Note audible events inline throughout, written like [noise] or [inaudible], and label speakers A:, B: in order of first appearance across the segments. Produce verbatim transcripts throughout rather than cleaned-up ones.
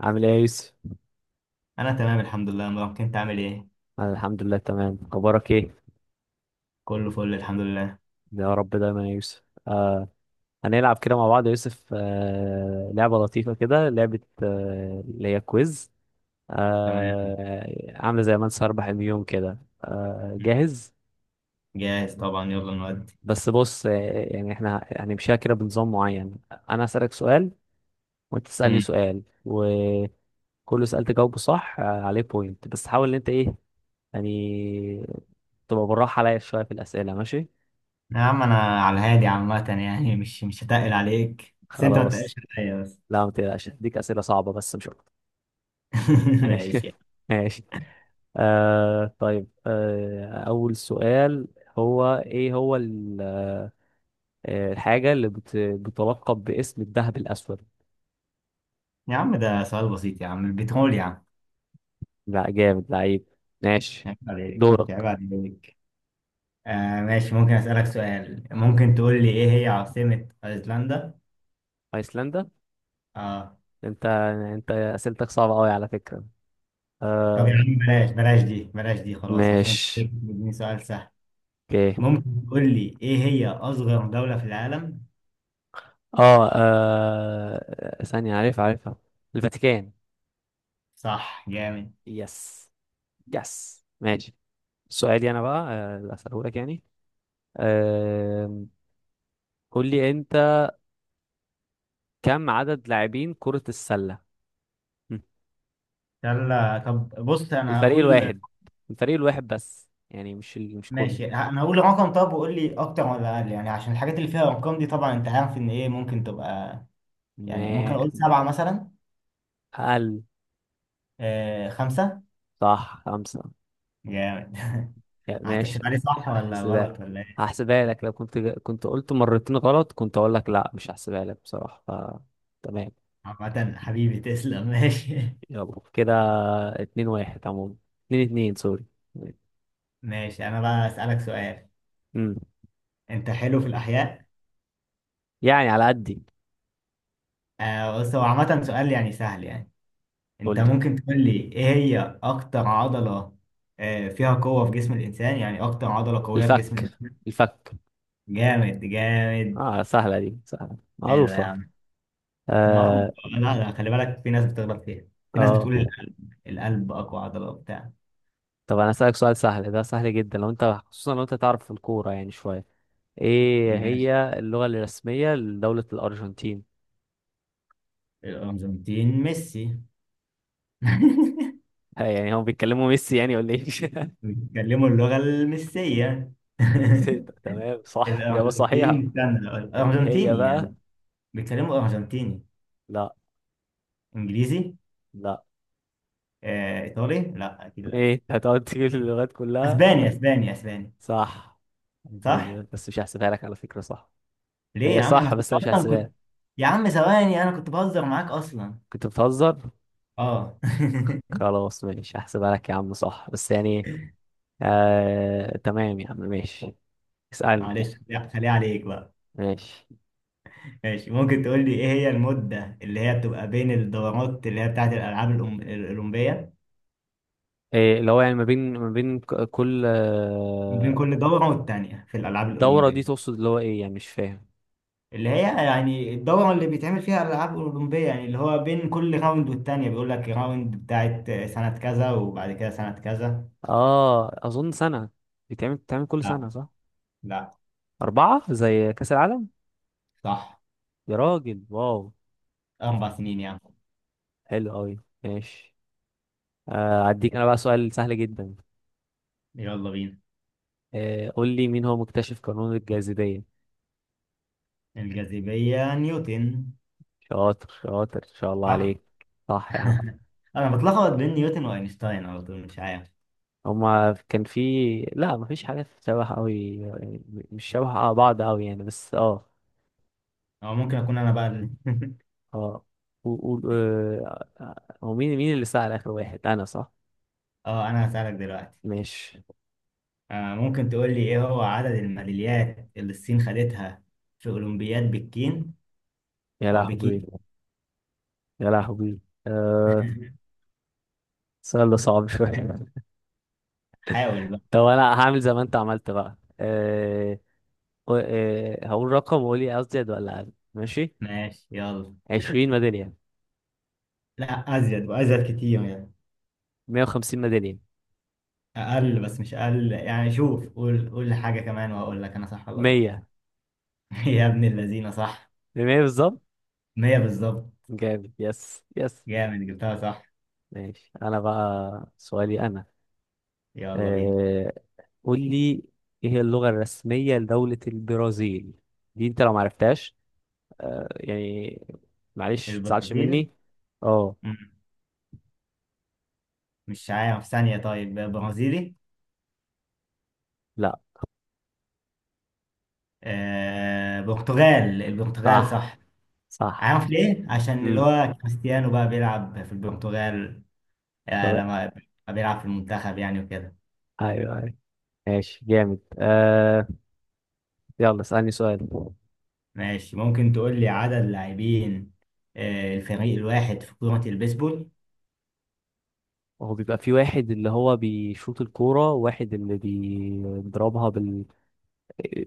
A: عامل ايه يا يوسف؟
B: انا تمام الحمد لله يا مروان، انت عامل ايه؟
A: أنا الحمد لله تمام، اخبارك ايه؟
B: كله فل الحمد لله.
A: يا رب دايما يا يوسف. آه هنلعب كده مع بعض يا يوسف، آه لعبة لطيفة كده، لعبة آه اللي هي كويز.
B: تمام.
A: آه عاملة زي من سيربح اليوم كده. آه
B: مم.
A: جاهز؟
B: جاهز طبعا، يلا نودي.
A: بس بص آه يعني احنا هنمشيها كده بنظام معين. انا هسألك سؤال، وانت تسألني
B: مم.
A: سؤال، وكل سؤال تجاوبه صح آه عليه بوينت. بس حاول ان انت ايه يعني تبقى بالراحة عليا شوية في الأسئلة، ماشي؟
B: يا عم انا على الهادي عامه، يعني مش مش هتقل عليك بس انت ما تقلش
A: خلاص.
B: عليا بس.
A: لا ما تقلقش، هديك أسئلة صعبة بس مش أكتر.
B: [laughs]
A: ماشي
B: ماشي.
A: [laughs] ماشي. آه طيب، آه أول سؤال. هو إيه هو ال- آه، الحاجة اللي بت... بتلقب باسم الذهب الأسود؟
B: يا عم ده سؤال بسيط يا عم، البترول يا عم.
A: لا، جامد لعيب. ماشي.
B: عيب عليك،
A: دورك.
B: عيب عليك. آه ماشي، ممكن اسالك سؤال؟ ممكن تقول لي ايه هي عاصمه ايسلندا؟
A: أيسلندا.
B: اه.
A: أنت أنت أسئلتك صعبة أوي على فكرة.
B: طب يا
A: آه.
B: عم بلاش بلاش دي، بلاش دي خلاص عشان انت
A: ماشي.
B: بتديني سؤال سهل.
A: أوكي.
B: ممكن تقول لي ايه هي اصغر دولة في العالم؟
A: آه, آه ثانية، عارف، عارفها. الفاتيكان.
B: صح، جامد.
A: يس. يس، ماشي. سؤالي أنا بقى آه، أسأله لك يعني. آم، قول لي انت، كم عدد لاعبين كرة السلة؟ مم.
B: يلا طب بص انا
A: الفريق
B: هقول.
A: الواحد. الفريق الواحد بس يعني، مش ال... مش كله.
B: ماشي، ه- انا هقول رقم، طب وقول لي اكتر ولا اقل يعني، عشان الحاجات اللي فيها ارقام دي طبعا انت عارف ان ايه ممكن تبقى. يعني ممكن
A: ما
B: اقول سبعة مثلا.
A: اقل.
B: آه، خمسة.
A: صح، خمسة.
B: جامد.
A: يا ماشي.
B: هتحسبها لي صح ولا
A: هحسبها.
B: غلط ولا ايه؟
A: هحسبها لك لو كنت ج- كنت قلت مرتين غلط، كنت اقول لك لا مش هحسبها لك بصراحة، ف... تمام.
B: عامة حبيبي تسلم، ماشي. [laughs]
A: يلا كده. اتنين واحد عموما. اتنين اتنين، سوري.
B: ماشي، انا بقى اسألك سؤال.
A: امم.
B: انت حلو في الاحياء؟
A: يعني على قدي.
B: آه بص هو عامة سؤال يعني سهل يعني.
A: قول
B: انت
A: لي.
B: ممكن تقول لي ايه هي اكتر عضلة، آه، فيها قوة في جسم الانسان؟ يعني اكتر عضلة قوية في جسم
A: الفك.
B: الانسان.
A: الفك.
B: جامد جامد.
A: اه، سهلة دي، سهلة
B: حلو يا
A: معروفة.
B: عم. ما-
A: اه.
B: لا لا، خلي بالك في ناس بتغلط فيها. في ناس
A: آه.
B: بتقول القلب. القلب اقوى عضلة وبتاع.
A: طب انا اسالك سؤال سهل، ده سهل جدا لو انت، خصوصا لو انت تعرف في الكوره يعني شويه. ايه
B: ماشي.
A: هي اللغه الرسميه لدوله الارجنتين؟
B: الارجنتين ميسي. [laughs]
A: [laughs] ها، يعني هم بيتكلموا ميسي يعني، ولا ايه؟ [laughs]
B: بيتكلموا اللغة الميسية. [laughs]
A: البيسيتا. تمام، صح، اجابه صحيحه.
B: الارجنتين، استنى،
A: اللي هي
B: الارجنتيني
A: بقى.
B: يعني. بيتكلموا ارجنتيني.
A: لا.
B: انجليزي.
A: لا.
B: آه، ايطالي. لا اكيد لا.
A: ايه، أنت هتقعد تجيب اللغات كلها؟
B: اسباني اسباني اسباني.
A: صح.
B: صح.
A: اسباني، بس مش هحسبها لك على فكره. صح.
B: ليه
A: هي
B: يا عم،
A: صح
B: انا
A: بس
B: كنت
A: انا مش
B: اصلا
A: هحسبها
B: كنت.
A: لك.
B: يا عم ثواني، انا كنت بهزر معاك اصلا.
A: كنت بتهزر.
B: اه.
A: خلاص ماشي، هحسبها لك يا عم، صح بس يعني. آه تمام يا عم، ماشي.
B: [laughs]
A: اسألني.
B: معلش خليها خليها عليك بقى.
A: ماشي.
B: ماشي، ممكن تقول لي ايه هي المدة اللي هي بتبقى بين الدورات اللي هي بتاعت الالعاب الأم- الاولمبية؟
A: إيه اللي هو يعني ما بين ما بين ك- كل
B: بين
A: آه،
B: كل دورة والتانية في الالعاب
A: دورة دي
B: الاولمبية.
A: تقصد اللي هو ايه يعني؟ مش فاهم.
B: اللي هي يعني الدورة اللي بيتعمل فيها الالعاب الاولمبية، يعني اللي هو بين كل راوند والتانية، بيقول لك راوند بتاعت سنة كذا وبعد كده سنة كذا.
A: اه، اظن سنة. بتعمل بتعمل كل
B: لا.
A: سنة صح؟
B: لا.
A: أربعة زي كأس العالم.
B: صح،
A: يا راجل، واو.
B: اربع سنين يعني.
A: حلو قوي. ماشي. آه اديك انا بقى سؤال سهل جدا.
B: يلا بينا.
A: آه قول لي، مين هو مكتشف قانون الجاذبية؟
B: الجاذبية نيوتن.
A: شاطر شاطر، ان شاء الله
B: صح؟
A: عليك. صح يا عم.
B: أنا بتلخبط بين نيوتن وأينشتاين على طول، مش عارف.
A: هما كان في... لا، مفيش حاجة شبه أوي. مش شبه بعض أوي يعني، بس اه.
B: أو ممكن أكون أنا بقى ال- [laughs]
A: اه. و... و... آه، هو مين مين اللي سأل آخر واحد، أنا صح؟
B: أه أنا هسألك دلوقتي.
A: ماشي.
B: آه ممكن تقول لي إيه هو عدد الميداليات اللي الصين خدتها في أولمبياد بكين؟
A: يا
B: أو
A: لهوي.
B: بكين؟
A: يا لهوي. أه...
B: [laughs]
A: سؤال ده صعب شوية [laughs]
B: حاول بقى.
A: طب أنا هعمل زي ما أنت عملت بقى أه... و- أه... هقول رقم وقولي أزيد ولا أقل، ماشي.
B: ماشي يلا.
A: عشرين ميدالية.
B: لا أزيد، وأزيد كتير يعني.
A: مية وخمسين ميدالية.
B: أقل، بس مش أقل يعني، شوف قول قول لي حاجة كمان وأقول لك أنا صح ولا غلط.
A: مية.
B: [laughs] يا ابن الذين صح.
A: بمية بالظبط.
B: مية بالظبط.
A: جامد، يس يس.
B: جامد، جبتها صح.
A: ماشي، أنا بقى سؤالي أنا.
B: يلا بينا.
A: آه، قول لي، ايه هي اللغة الرسمية لدولة البرازيل؟ دي انت لو معرفتهاش، آه، يعني معلش ما تزعلش
B: البرازيل.
A: مني. اه.
B: مش عارف، ثانية، طيب برازيلي؟
A: لا.
B: آه برتغال، البرتغال
A: صح.
B: صح.
A: صح.
B: عارف ليه؟ عشان اللي
A: امم.
B: هو كريستيانو بقى بيلعب في البرتغال.
A: طب.
B: آه لما بيلعب في المنتخب يعني وكده.
A: ايوه ايوه. ماشي، جامد. آه يلا اسألني سؤال.
B: ماشي، ممكن تقول لي عدد لاعبين، آه، الفريق الواحد في كرة البيسبول؟
A: هو بيبقى في واحد اللي هو بيشوط الكورة وواحد اللي بيضربها بال...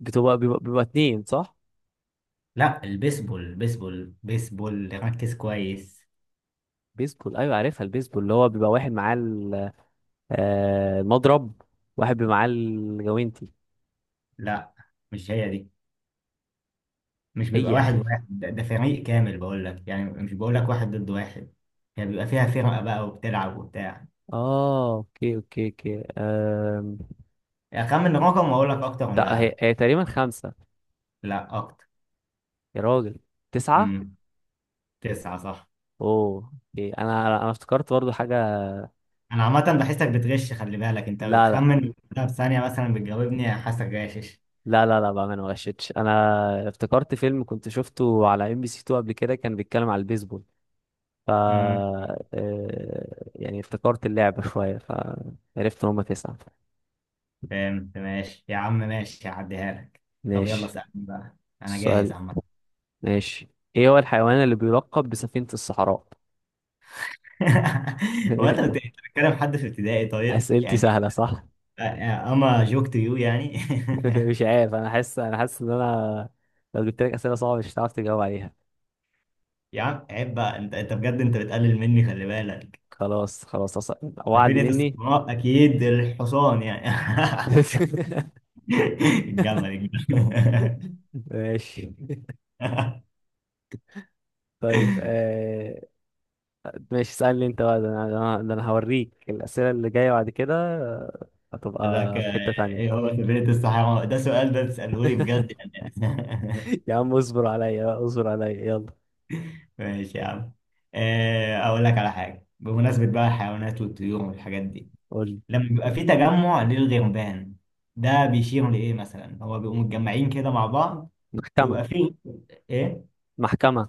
A: بتبقى، بيبقى, بيبقى اتنين صح؟
B: لا البيسبول، البيسبول بيسبول، ركز كويس.
A: بيسبول، ايوه عارفها البيسبول، اللي هو بيبقى واحد معاه آه المضرب، واحد بمعاه الجوينتي.
B: لا مش هي دي. مش بيبقى
A: هي.
B: واحد واحد، ده ده فريق كامل بقول لك يعني، مش بقول لك واحد ضد واحد هي. يعني بيبقى فيها فرقة بقى وبتلعب وبتاع.
A: اه، اوكي اوكي اوكي. آم،
B: أخمن رقم وأقول لك أكتر
A: لا،
B: ولا
A: هي,
B: أقل.
A: هي تقريبا خمسة.
B: لا أكتر.
A: يا راجل. تسعة.
B: امم. تسعة صح.
A: اوه اوكي، انا انا افتكرت برضو حاجة.
B: أنا عامة بحسك بتغش، خلي بالك أنت
A: لا لا
B: بتخمن، لا بثانية مثلا بتجاوبني، حاسك غاشش.
A: لا لا لا بقى، انا ما غشيتش، انا افتكرت فيلم كنت شفته على ام بي سي اتنين قبل كده، كان بيتكلم على البيسبول. ف
B: امم.
A: آه، يعني افتكرت اللعبة [laughs] شوية، فعرفت ان هما تسعة.
B: فهمت، ماشي يا عم ماشي، هعديها لك. طب يلا
A: ماشي.
B: سألني بقى. أنا جاهز
A: السؤال.
B: عامة.
A: ماشي. ايه هو الحيوان اللي بيلقب بسفينة الصحراء؟
B: [laughs] هو أنت بت-
A: [laughs]
B: أنت بتتكلم حد في ابتدائي طيب
A: اسئلتي
B: يعني؟
A: سهله صح؟
B: أما جوك تو يو يعني.
A: [laughs] مش
B: [laughs]
A: عارف، انا حاسس، انا حاسس ان انا لو جبت لك اسئله صعبه مش هتعرف تجاوب عليها.
B: يا عم عيب بقى، أنت أنت بجد أنت بتقلل مني، خلي بالك.
A: خلاص خلاص، أص- وعد
B: سفينة
A: مني.
B: الصحراء أكيد الحصان يعني. [laughs]
A: [laughs]
B: الجمل، الجمل.
A: ماشي.
B: [laughs]
A: طيب آه... ماشي، اسالني انت بقى، ده انا، ده انا، ده أنا هوريك الاسئله اللي جايه بعد كده. آه،
B: قال لك
A: هتبقى في
B: آه،
A: حته
B: ايه
A: تانية.
B: هو سفينة الصحراء، ده سؤال ده تسأله لي
A: [laughs]
B: بجد يعني؟
A: يا عم اصبر عليا بقى، اصبر عليا يلا.
B: [laughs] ماشي يا عم. آه، اقول لك على حاجة بمناسبة بقى الحيوانات والطيور والحاجات دي.
A: قول لي.
B: لما بيبقى في تجمع للغربان، ده بيشير لإيه مثلا؟ هو بيبقوا متجمعين كده مع بعض
A: محكمه.
B: ويبقى في ايه،
A: محكمه.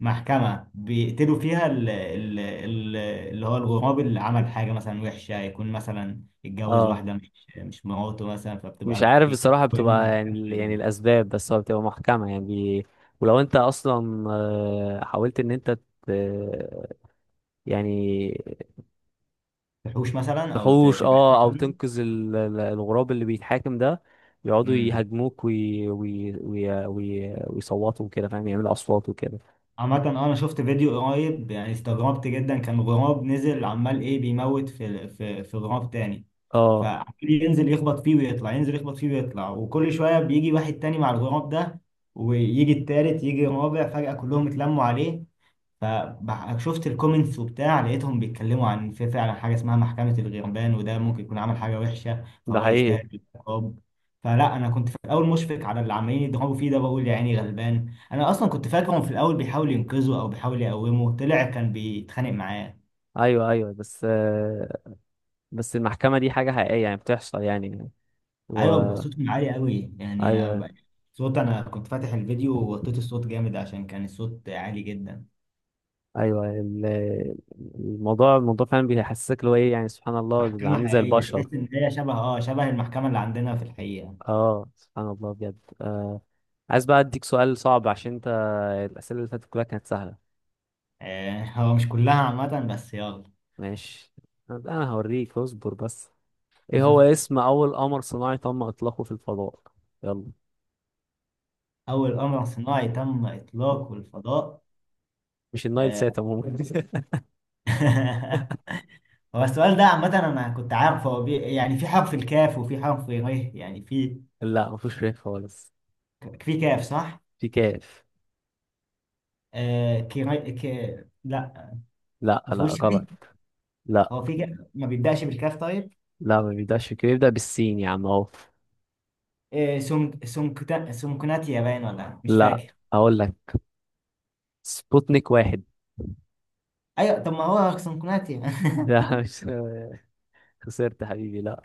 B: محكمة بيقتلوا فيها ال- ال- ال- اللي هو الغراب اللي عمل حاجة مثلا وحشة، يكون مثلا اتجوز
A: اه
B: واحدة مش، مش مراته مثلا،
A: مش
B: فبتبقى
A: عارف
B: بي-
A: بصراحة،
B: بيعملوا
A: بتبقى يعني
B: محكمة
A: يعني
B: دي.
A: الأسباب، بس هو بتبقى محكمة يعني. ولو أنت أصلا آه، حاولت إن أنت ت- يعني
B: تحوش مثلا أو ت-
A: تحوش،
B: تبعدهم
A: أه، أو
B: عنه.
A: تنقذ ال- ال- الغراب اللي بيتحاكم ده، يقعدوا
B: أمم.
A: يهاجموك وي... وي... وي... وي... ويصوتوا وكده، فاهم؟ يعملوا أصوات وكده.
B: عامة أه، أنا شفت فيديو قريب يعني، استغربت جدا، كان غراب نزل عمال إيه بيموت في في في غراب تاني،
A: أه.
B: فعمال ينزل يخبط فيه ويطلع، ينزل يخبط فيه ويطلع، وكل شوية بيجي واحد تاني مع الغراب ده، ويجي التالت يجي الرابع، فجأة كلهم اتلموا عليه. فشفت الكومنتس وبتاع، لقيتهم بيتكلموا عن في فعلا حاجه اسمها محكمه الغربان، وده ممكن يكون عمل حاجه وحشه
A: ده
B: فهو
A: حقيقي.
B: يستاهل العقاب. فلا انا كنت في الاول مشفق على اللي عمالين يضربوا فيه ده، بقول يا عيني غلبان، انا اصلا كنت فاكرهم في الاول بيحاول ينقذه او بيحاول يقومه، طلع كان بيتخانق معاه.
A: أيوه أيوه بس آه، بس المحكمة دي حاجة حقيقية يعني، بتحصل يعني؟ و...
B: ايوه بيبقى صوتهم عالي قوي يعني.
A: أيوه
B: أنا-
A: أيوه.
B: صوت انا كنت فاتح الفيديو ووطيت الصوت جامد عشان كان الصوت عالي جدا.
A: ايوه ال- الموضوع الموضوع فعلا بيحسسك اللي هو ايه يعني، سبحان الله، دول عاملين
B: محكمه
A: زي
B: حقيقيه،
A: البشر.
B: تحس ان هي شبه اه شبه المحكمه اللي عندنا في الحقيقه.
A: اه، سبحان الله بجد. آه عايز بقى اديك سؤال صعب، عشان انت الاسئله اللي فاتت كلها كانت سهله.
B: آه، هو مش كلها عامة، بس يلا.
A: ماشي. انا هوريك، اصبر بس. ايه هو
B: [laughs]
A: اسم اول قمر صناعي تم اطلاقه في الفضاء؟ يلا.
B: أول قمر صناعي تم إطلاقه الفضاء.
A: مش النايل
B: آه،
A: سات عموما
B: [laughs] هو السؤال ده عامة أنا كنت عارفه، هو بي... يعني في حرف الكاف وفي حرف ر. يعني في،
A: [laughs] لا مفيش ريح خالص.
B: في كاف صح؟
A: في كاف.
B: آه كيري... ك... لا
A: لا
B: ما
A: لا
B: فيهوش ر.
A: غلط. لا
B: هو في ك... ما بيبدأش بالكاف طيب.
A: لا، ما بيبداش في كده، بيبدا بالسين يا عم، اهو.
B: آه سونك سونكتا... سونكوناتيا، باين ولا مش
A: لا.
B: فاكر.
A: هقول لك، سبوتنيك واحد.
B: أيوة، طب ما هو سونكوناتيا. [laughs]
A: لا مش، خسرت حبيبي، لا.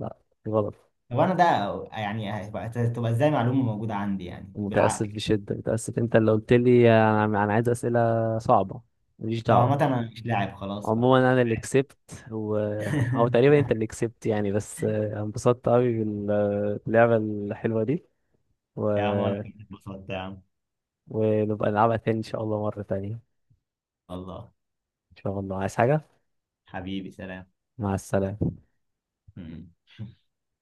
A: لا، غلط.
B: طب أنا ده، يعني هتبقى تبقى إزاي معلومة موجودة عندي يعني
A: متأسف
B: بالعقل.
A: بشدة، متأسف، انت اللي قلت لي انا أنا عايز أسئلة صعبة، ماليش
B: طب عامة
A: دعوة.
B: أنا مش لاعب خلاص بقى.
A: عموما انا اللي كسبت. وهو تقريبا انت
B: [laughs]
A: اللي كسبت يعني، بس آه، انبسطت قوي باللعبة الحلوة دي. و...
B: يا عم أنا كنت اتبسطت يا عم.
A: ونبقى نلعبها تاني ان شاء الله، مرة تانية.
B: الله.
A: ان شاء الله. عايز حاجة؟
B: حبيبي سلام.
A: مع السلامة.
B: [laughs]